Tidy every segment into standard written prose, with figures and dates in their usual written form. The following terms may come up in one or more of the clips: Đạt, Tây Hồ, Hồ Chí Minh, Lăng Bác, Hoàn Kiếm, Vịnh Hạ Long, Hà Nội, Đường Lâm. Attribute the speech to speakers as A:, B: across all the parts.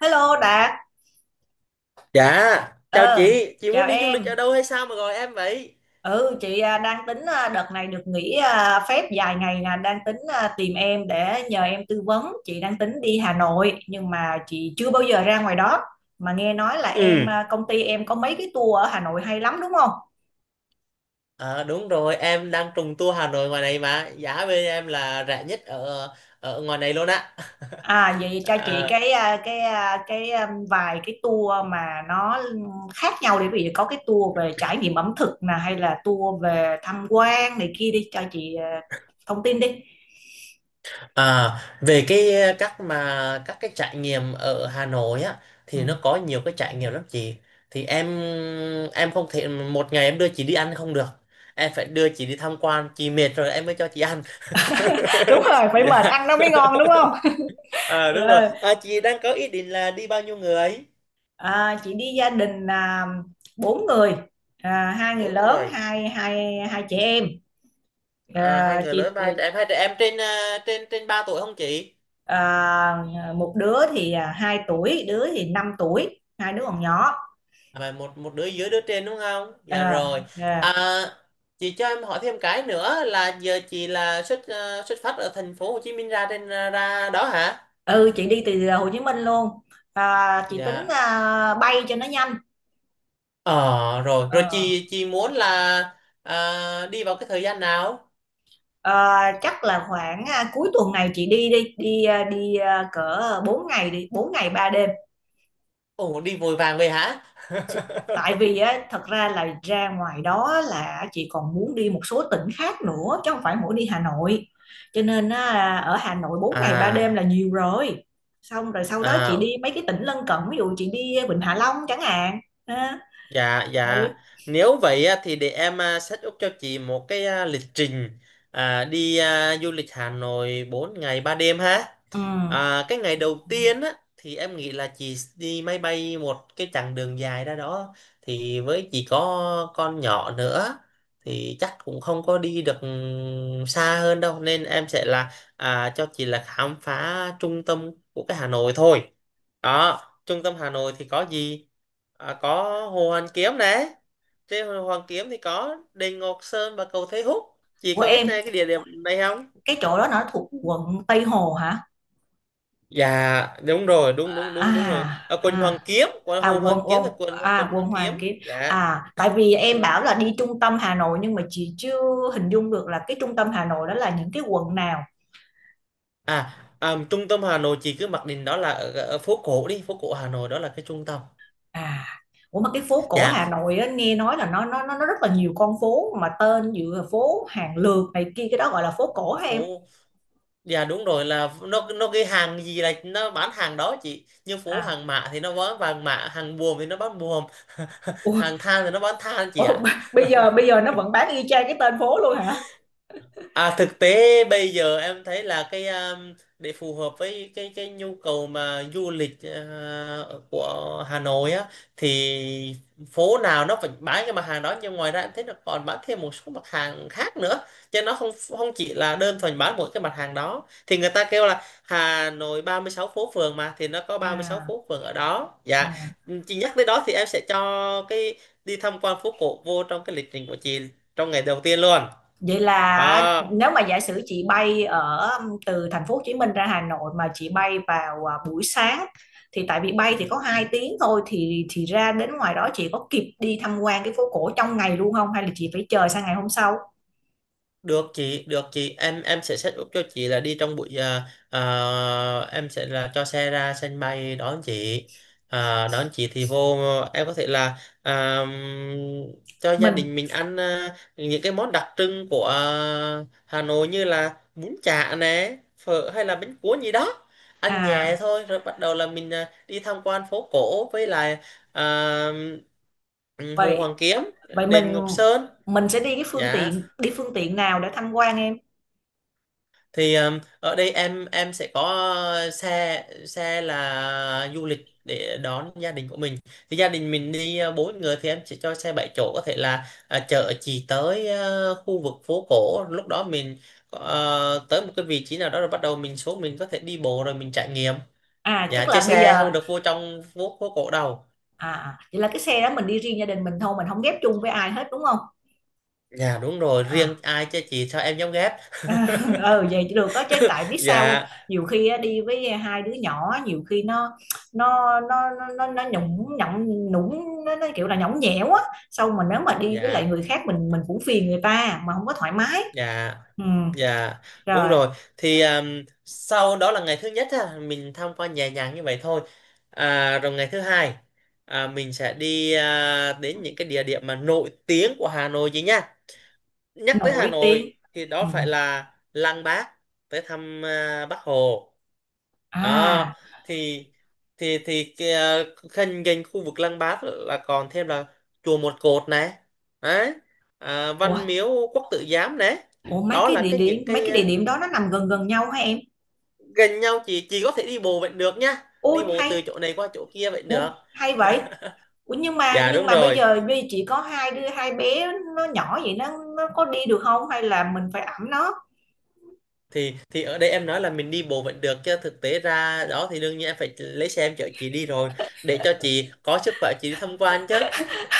A: Hello Đạt,
B: Dạ, chào
A: ờ,
B: chị muốn
A: chào
B: đi du lịch ở
A: em.
B: đâu hay sao mà gọi em vậy?
A: Ừ, chị à, đang tính à, đợt này được nghỉ à, phép dài ngày nè, đang tính à, tìm em để nhờ em tư vấn. Chị đang tính đi Hà Nội nhưng mà chị chưa bao giờ ra ngoài đó. Mà nghe nói là
B: Ừ,
A: em à, công ty em có mấy cái tour ở Hà Nội hay lắm đúng không?
B: đúng rồi, em đang trùng tour Hà Nội ngoài này mà, giá bên em là rẻ nhất ở ở ngoài này luôn á.
A: À vậy cho chị
B: À,
A: vài cái tour mà nó khác nhau để ví dụ có cái tour về trải nghiệm ẩm thực nè hay là tour về tham quan này kia đi cho chị à, thông tin đi.
B: à, về cái các mà các cái trải nghiệm ở Hà Nội á
A: Ừ.
B: thì nó có nhiều cái trải nghiệm lắm chị. Thì em không thể một ngày em đưa chị đi ăn không được. Em phải đưa chị đi tham quan, chị mệt rồi em mới cho chị ăn.
A: Đúng rồi, phải mệt
B: Dạ.
A: ăn nó mới ngon đúng không?
B: à đúng rồi,
A: Rồi,
B: chị đang có ý định là đi bao nhiêu người?
A: à, chị đi gia đình, à, bốn người, à, hai người
B: Bốn
A: lớn,
B: người.
A: hai hai hai chị em.
B: Hai
A: Ờ,
B: người
A: chị,
B: lớn, ba trẻ em hai trẻ em, trên à, trên trên 3 tuổi không chị?
A: ờ, một đứa thì, à, hai tuổi, đứa thì 5 tuổi, hai đứa còn nhỏ.
B: Và một một đứa dưới, đứa trên đúng không? Dạ,
A: Ờ,
B: rồi.
A: ờ.
B: à, chị cho em hỏi thêm cái nữa là giờ chị là xuất phát ở thành phố Hồ Chí Minh ra ra đó hả?
A: Ừ, chị đi từ Hồ Chí Minh luôn. À, chị tính,
B: Dạ.
A: à, bay cho nó nhanh.
B: ờ rồi rồi,
A: Ờ,
B: chị muốn là đi vào cái thời gian nào?
A: ờ, chắc là khoảng, cuối tuần này chị đi đi, đi, a, đi, a, cỡ 4 ngày đi, bốn ngày 3 đêm.
B: Ồ, đi vội vàng về hả?
A: Tại vì á thật ra là ra ngoài đó là chị còn muốn đi một số tỉnh khác nữa chứ không phải mỗi đi Hà Nội, cho nên á, ở Hà Nội bốn ngày 3 đêm
B: à
A: là nhiều rồi. Xong rồi sau đó chị đi
B: à
A: mấy cái tỉnh lân cận ví dụ chị đi Vịnh Hạ Long chẳng hạn ha.
B: Dạ,
A: Ừ.
B: dạ. Nếu vậy á, thì để em set up cho chị một cái lịch trình đi du lịch Hà Nội 4 ngày 3 đêm ha.
A: Ừ.
B: À, cái ngày đầu tiên á, thì em nghĩ là chị đi máy bay một cái chặng đường dài ra đó. Thì với chị có con nhỏ nữa thì chắc cũng không có đi được xa hơn đâu. Nên em sẽ là cho chị là khám phá trung tâm của cái Hà Nội thôi. Đó, trung tâm Hà Nội thì có gì? À, có Hồ Hoàn Kiếm nè. Trên Hồ Hoàn Kiếm thì có đền Ngọc Sơn và cầu Thầy Húc. Chị
A: Của
B: có biết
A: em
B: này cái địa điểm này không?
A: cái chỗ đó nó thuộc quận Tây Hồ hả?
B: Dạ, đúng rồi, đúng, đúng,
A: à
B: đúng, đúng rồi. Ở quận Hoàn
A: à
B: Kiếm, quận Hồ
A: quận
B: Hoàn Kiếm
A: quận
B: là quận
A: à
B: quận
A: quận
B: Hoàn
A: Hoàn
B: Kiếm.
A: Kiếm,
B: Dạ.
A: à tại vì
B: Đúng
A: em
B: rồi.
A: bảo là đi trung tâm Hà Nội nhưng mà chị chưa hình dung được là cái trung tâm Hà Nội đó là những cái quận nào.
B: Trung tâm Hà Nội chị cứ mặc định đó là ở phố cổ đi, phố cổ Hà Nội đó là cái trung tâm.
A: À, ủa mà cái phố cổ
B: Dạ,
A: Hà Nội á, nghe nói là nó rất là nhiều con phố mà tên giữa phố hàng lược này kia cái đó gọi là phố cổ hả em?
B: phố dạ, đúng rồi, là nó cái hàng gì là nó bán hàng đó chị, như phố
A: À,
B: Hàng Mã thì nó bán vàng mã, Hàng Buồm thì nó bán buồm,
A: ủa,
B: Hàng Than thì nó bán than chị
A: ủa,
B: ạ.
A: bây giờ nó vẫn bán y chang cái tên phố luôn hả?
B: À, thực tế bây giờ em thấy là cái để phù hợp với cái nhu cầu mà du lịch của Hà Nội á, thì phố nào nó vẫn bán cái mặt hàng đó, nhưng ngoài ra em thấy nó còn bán thêm một số mặt hàng khác nữa, chứ nó không không chỉ là đơn thuần bán một cái mặt hàng đó. Thì người ta kêu là Hà Nội 36 phố phường mà, thì nó có ba mươi sáu
A: À,
B: phố phường ở đó.
A: ừ.
B: Dạ, chị nhắc tới đó thì em sẽ cho cái đi tham quan phố cổ vô trong cái lịch trình của chị trong ngày đầu tiên luôn
A: Vậy là
B: đó.
A: nếu mà giả sử chị bay ở từ thành phố Hồ Chí Minh ra Hà Nội mà chị bay vào à, buổi sáng, thì tại vì bay thì
B: Ừ.
A: có 2 tiếng thôi thì ra đến ngoài đó chị có kịp đi tham quan cái phố cổ trong ngày luôn không hay là chị phải chờ sang ngày hôm sau?
B: Được chị, em sẽ set up cho chị là đi trong buổi em sẽ là cho xe ra sân bay đón chị. À, đón chị thì vô em có thể là cho gia
A: Mình
B: đình mình ăn những cái món đặc trưng của Hà Nội như là bún chả nè, phở hay là bánh cuốn gì đó. Ăn nhẹ
A: à
B: thôi rồi bắt đầu là mình đi tham quan phố cổ với lại à, ừ, Hồ
A: vậy
B: Hoàn Kiếm,
A: Vậy
B: đền
A: mình
B: Ngọc Sơn.
A: mình sẽ đi cái phương
B: Dạ.
A: tiện đi phương tiện nào để tham quan em?
B: Thì ở đây em sẽ có xe xe là du lịch để đón gia đình của mình. Thì gia đình mình đi bốn người thì em sẽ cho xe 7 chỗ, có thể là chở chị tới khu vực phố cổ. Lúc đó mình tới một cái vị trí nào đó rồi bắt đầu mình xuống, mình có thể đi bộ rồi mình trải nghiệm.
A: À
B: Dạ,
A: chắc là
B: chơi
A: bây
B: xe
A: giờ.
B: không được vô trong phố phố cổ đâu.
A: Vậy là cái xe đó mình đi riêng gia đình mình thôi, mình không ghép chung với ai hết đúng không?
B: Dạ, đúng rồi, riêng
A: À
B: ai chơi chị sao em dám ghét.
A: ừ vậy thì được đó chứ tại biết sao không?
B: Dạ,
A: Nhiều khi á, đi với hai đứa nhỏ nhiều khi nó nhũng nhũng nhũng nó kiểu là nhõng nhẽo á, xong mà nếu mà đi với lại
B: dạ,
A: người khác mình cũng phiền người ta mà không có thoải mái.
B: dạ.
A: Ừ
B: Dạ, đúng
A: rồi,
B: rồi. Thì sau đó là ngày thứ nhất á, mình tham quan nhẹ nhàng như vậy thôi. À, rồi ngày thứ hai mình sẽ đi đến những cái địa điểm mà nổi tiếng của Hà Nội chứ nha. Nhắc tới Hà
A: nổi tiếng.
B: Nội thì
A: Ừ.
B: đó phải là Lăng Bác, tới thăm Bác Hồ.
A: À.
B: Đó, thì thì gần gần khu vực Lăng Bác là còn thêm là chùa Một Cột này. Đấy. À,
A: ủa
B: Văn Miếu Quốc Tử Giám này.
A: Ủa mấy
B: Đó
A: cái
B: là
A: địa
B: cái
A: điểm
B: những
A: mấy
B: cái
A: cái địa điểm đó nó nằm gần gần nhau hả em?
B: gần nhau, chị có thể đi bộ vẫn được nhá,
A: Ôi
B: đi bộ từ
A: hay,
B: chỗ này qua chỗ kia vẫn
A: ủa,
B: được.
A: hay vậy. Ủa nhưng mà
B: Dạ,
A: nhưng
B: đúng
A: mà bây
B: rồi.
A: giờ bây chỉ có hai đứa hai bé nó nhỏ vậy nó có đi được không hay là mình phải ẵm nó?
B: Thì ở đây em nói là mình đi bộ vẫn được, chứ thực tế ra đó thì đương nhiên em phải lấy xe em chở chị đi rồi, để cho chị có sức khỏe chị đi tham quan chứ.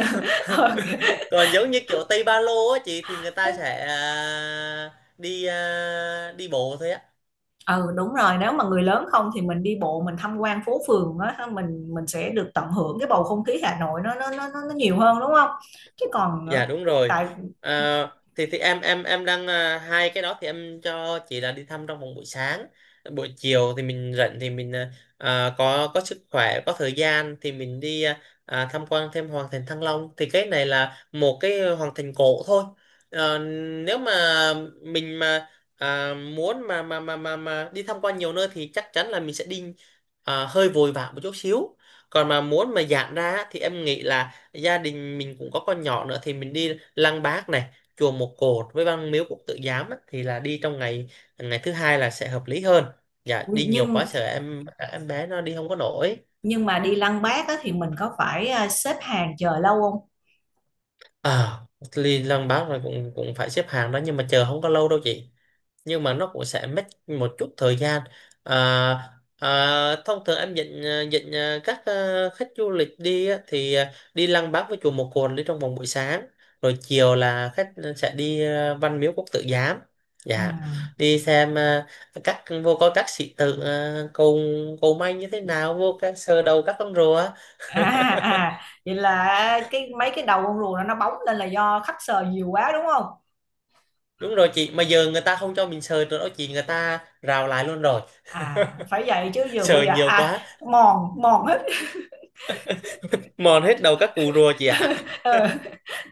A: Ok.
B: Còn giống như kiểu Tây Ba Lô á chị, thì người ta sẽ đi bộ thôi á.
A: Ừ đúng rồi, nếu mà người lớn không thì mình đi bộ mình tham quan phố phường á ha, mình sẽ được tận hưởng cái bầu không khí Hà Nội nó nhiều hơn đúng không? Chứ còn
B: Dạ, đúng rồi.
A: tại
B: À, thì thì em đang hai cái đó thì em cho chị là đi thăm trong vòng buổi sáng. Buổi chiều thì mình rảnh thì mình có sức khỏe có thời gian thì mình đi tham quan thêm hoàng thành Thăng Long, thì cái này là một cái hoàng thành cổ thôi. Ờ, Nếu mà mình mà muốn mà đi tham quan nhiều nơi thì chắc chắn là mình sẽ đi hơi vội vã một chút xíu. Còn mà muốn mà giảm ra á, thì em nghĩ là gia đình mình cũng có con nhỏ nữa thì mình đi Lăng Bác này, chùa Một Cột với Văn Miếu Quốc Tử Giám á, thì là đi trong ngày, ngày thứ hai là sẽ hợp lý hơn. Dạ, đi nhiều quá
A: nhưng
B: sợ em bé nó đi không có nổi.
A: nhưng mà đi Lăng Bác á thì mình có phải xếp hàng chờ lâu không?
B: à, Đi Lăng Bác rồi cũng cũng phải xếp hàng đó, nhưng mà chờ không có lâu đâu chị, nhưng mà nó cũng sẽ mất một chút thời gian. à, Thông thường em dẫn khách du lịch đi á, thì đi Lăng Bác với chùa Một Cồn đi trong vòng buổi sáng, rồi chiều là khách sẽ đi Văn Miếu Quốc Tử Giám.
A: Ừ.
B: Dạ. Đi xem ờ, các vô coi các sĩ tử cầu cầu may như thế nào, vô các sờ đầu các con rùa.
A: à vậy là mấy cái đầu con rùa nó bóng lên là do khách sờ nhiều quá đúng không?
B: Đúng rồi chị, mà giờ người ta không cho mình sờ nữa đó chị, người ta rào lại luôn rồi.
A: À phải vậy chứ giờ
B: Sờ
A: bây giờ
B: nhiều
A: à,
B: quá
A: mòn mòn hết.
B: mòn hết đầu các cụ rùa chị ạ.
A: Ừ,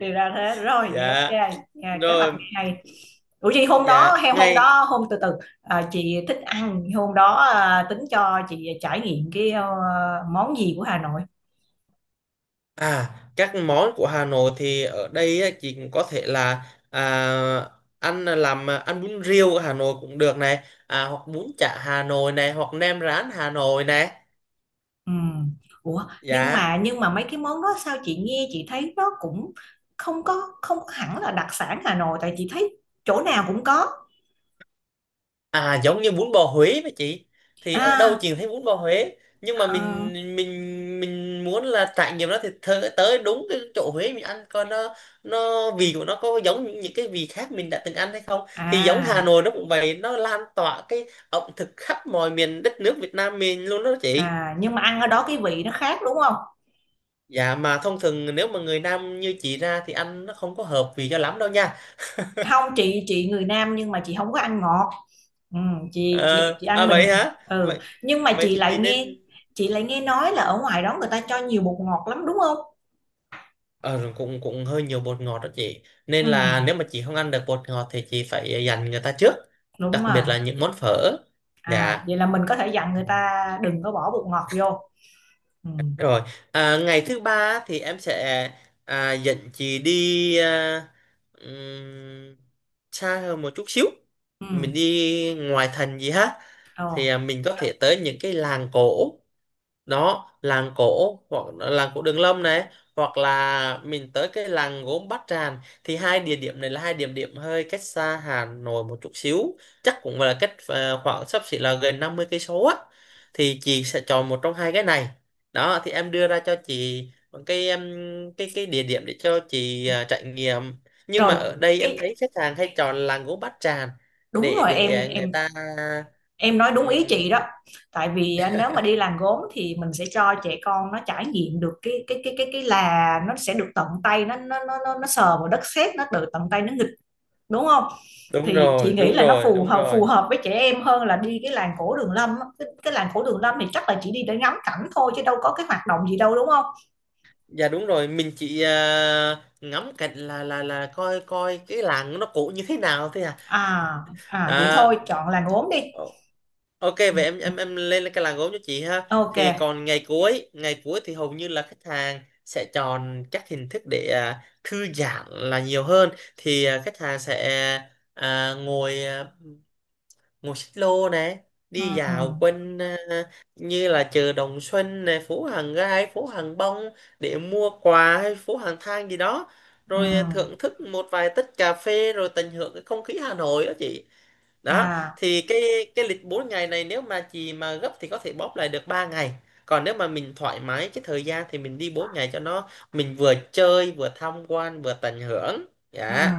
A: thì ra thế rồi vậy
B: Dạ,
A: ok. À, kế hoạch
B: rồi.
A: ngày này. Ủa chị hôm đó
B: Dạ,
A: hôm
B: ngay.
A: đó hôm từ từ, à, chị thích ăn hôm đó à, tính cho chị trải nghiệm cái món gì của Hà Nội?
B: À, các món của Hà Nội thì ở đây á, chị cũng có thể là ăn bún riêu ở Hà Nội cũng được này, hoặc bún chả Hà Nội này, hoặc nem rán Hà Nội này.
A: Ừ. Ủa nhưng
B: Dạ.
A: mà nhưng mà mấy cái món đó sao chị nghe chị thấy nó cũng không có không có hẳn là đặc sản Hà Nội tại chị thấy chỗ nào cũng có.
B: À, giống như bún bò Huế vậy chị, thì ở đâu
A: à
B: chị cũng thấy bún bò Huế, nhưng mà
A: ờ,
B: mình muốn là trải nghiệm nó thì tới đúng cái chỗ Huế mình ăn coi nó, vị của nó có giống những cái vị khác mình đã từng ăn hay không. Thì giống Hà
A: à
B: Nội nó cũng vậy, nó lan tỏa cái ẩm thực khắp mọi miền đất nước Việt Nam mình luôn đó chị.
A: nhưng mà ăn ở đó cái vị nó khác đúng không?
B: Dạ mà thông thường nếu mà người Nam như chị ra thì ăn nó không có hợp vị cho lắm đâu nha.
A: Không chị người Nam nhưng mà chị không có ăn ngọt. Ừ, chị
B: Ờ,
A: chị chị
B: à
A: ăn bình
B: vậy hả,
A: ừ
B: vậy
A: nhưng mà
B: vậy
A: chị
B: thì
A: lại
B: chị nên.
A: nghe, chị lại nghe nói là ở ngoài đó người ta cho nhiều bột ngọt lắm đúng không?
B: Ờ, cũng cũng hơi nhiều bột ngọt đó chị, nên
A: Ừ,
B: là nếu mà chị không ăn được bột ngọt thì chị phải dành người ta trước,
A: đúng
B: đặc
A: rồi.
B: biệt là những món phở.
A: À
B: Dạ,
A: vậy là mình có thể dặn người ta đừng có bỏ bột ngọt vô. Ừ.
B: rồi. À, ngày thứ ba á, thì em sẽ dẫn chị đi ừm, xa hơn một chút xíu,
A: Ừ.
B: mình đi ngoài thành gì ha.
A: Ờ.
B: Thì mình có thể tới những cái làng cổ, đó làng cổ hoặc là làng cổ Đường Lâm này, hoặc là mình tới cái làng gốm Bát Tràng. Thì hai địa điểm này là hai địa điểm hơi cách xa Hà Nội một chút xíu, chắc cũng là cách khoảng xấp xỉ là gần 50 cây số á. Thì chị sẽ chọn một trong hai cái này. Đó thì em đưa ra cho chị một cái em, cái địa điểm để cho chị trải nghiệm, nhưng mà
A: Rồi
B: ở đây em
A: cái
B: thấy khách hàng hay chọn làng gốm Bát Tràng
A: đúng
B: để
A: rồi em
B: người
A: em
B: ta.
A: em nói đúng ý chị
B: Ừm,
A: đó. Tại vì à, nếu mà đi làm gốm thì mình sẽ cho trẻ con nó trải nghiệm được cái là nó sẽ được tận tay nó sờ vào đất sét nó được tận tay nó nghịch đúng không?
B: đúng
A: Thì chị
B: rồi,
A: nghĩ
B: đúng
A: là nó
B: rồi, đúng
A: phù
B: rồi.
A: hợp với trẻ em hơn là đi cái làng cổ Đường Lâm á. Cái làng cổ Đường Lâm thì chắc là chỉ đi để ngắm cảnh thôi chứ đâu có cái hoạt động gì đâu đúng không?
B: Dạ, đúng rồi, mình chỉ ngắm cảnh, là coi coi cái làng nó cổ như thế nào thế à.
A: À à vậy
B: Đó.
A: thôi chọn làng gốm đi.
B: Ồ, ok, vậy em lên cái làng gốm cho chị ha.
A: Ok.
B: Thì còn ngày cuối, thì hầu như là khách hàng sẽ chọn các hình thức để thư giãn là nhiều hơn. Thì khách hàng sẽ ngồi ngồi xích lô nè,
A: Ừ.
B: đi dạo quanh như là chợ Đồng Xuân nè, phố Hàng Gai, phố Hàng Bông để mua quà, hay phố Hàng Than gì đó,
A: Ừ.
B: rồi thưởng thức một vài tách cà phê rồi tận hưởng cái không khí Hà Nội đó chị. Đó
A: À.
B: thì cái lịch 4 ngày này nếu mà chị mà gấp thì có thể bóp lại được 3 ngày, còn nếu mà mình thoải mái cái thời gian thì mình đi 4 ngày cho nó mình vừa chơi vừa tham quan vừa tận hưởng.
A: Ừ.
B: Dạ,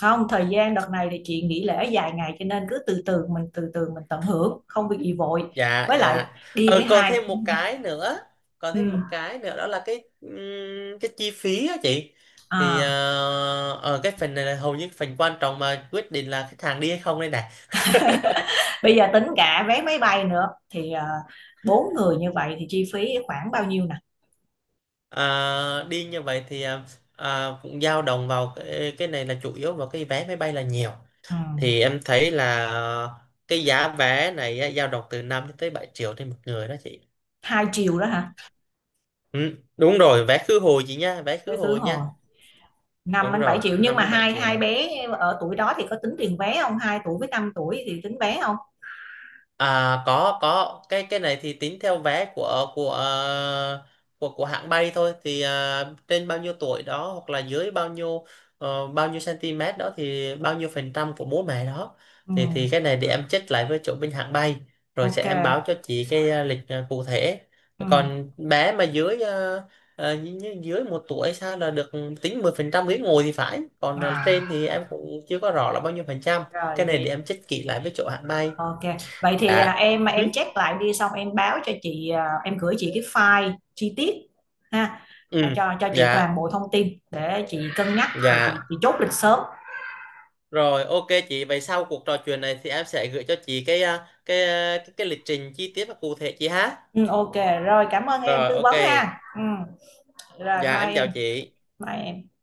A: Không, thời gian đợt này thì chị nghỉ lễ dài ngày cho nên cứ từ từ mình tận hưởng, không việc gì vội.
B: dạ,
A: Với lại
B: dạ.
A: đi với
B: Ờ, còn
A: hai
B: thêm một cái nữa, còn
A: ừ,
B: thêm một cái nữa đó là cái chi phí á chị. Thì
A: à.
B: ở cái phần này là hầu như phần quan trọng mà quyết định là khách hàng đi hay không đây này.
A: Bây giờ tính cả vé máy bay nữa thì à, bốn người như vậy thì chi phí khoảng bao nhiêu nè?
B: Ờ, đi như vậy thì cũng dao động vào cái này là chủ yếu vào cái vé máy bay là nhiều.
A: Ừ.
B: Thì em thấy là cái giá vé này á, dao động từ 5 cho tới 7 triệu trên một người đó chị.
A: Hai triệu đó hả?
B: Ừ, đúng rồi vé khứ hồi chị nha, vé khứ
A: Vé khứ
B: hồi nha.
A: hồi năm
B: Đúng
A: đến 7
B: rồi,
A: triệu nhưng
B: năm
A: mà
B: đến bảy
A: hai
B: triệu
A: hai bé ở tuổi đó thì có tính tiền vé không? Hai tuổi với năm tuổi thì tính vé không?
B: À, có, cái này thì tính theo vé của của hãng bay thôi, thì trên bao nhiêu tuổi đó hoặc là dưới bao nhiêu bao nhiêu cm đó thì bao nhiêu phần trăm của bố mẹ đó.
A: Ừ.
B: Thì cái này để em check lại với chỗ bên hãng bay, rồi sẽ
A: Ok.
B: em báo cho chị cái lịch cụ thể.
A: Ừ.
B: Còn bé mà dưới như dưới 1 tuổi sao là được, tính 10% ghế ngồi thì phải, còn
A: À,
B: trên thì em cũng chưa có rõ là bao nhiêu phần trăm.
A: rồi
B: Cái này để
A: vậy
B: em check kỹ lại với chỗ hãng bay.
A: ok, vậy thì à,
B: Dạ,
A: em
B: ừ,
A: em check lại đi xong em báo cho chị à, em gửi chị cái file chi tiết ha, à,
B: ừ,
A: cho chị toàn
B: dạ,
A: bộ thông tin để chị cân nhắc rồi chị
B: dạ.
A: chị chốt lịch sớm.
B: Rồi ok chị, vậy sau cuộc trò chuyện này thì em sẽ gửi cho chị cái lịch trình chi tiết và cụ thể chị ha.
A: Ừ, ok, rồi cảm ơn em
B: Rồi
A: tư
B: ok.
A: vấn ha. Ừ, rồi
B: Dạ,
A: bye
B: em chào
A: em,
B: chị.
A: bye em.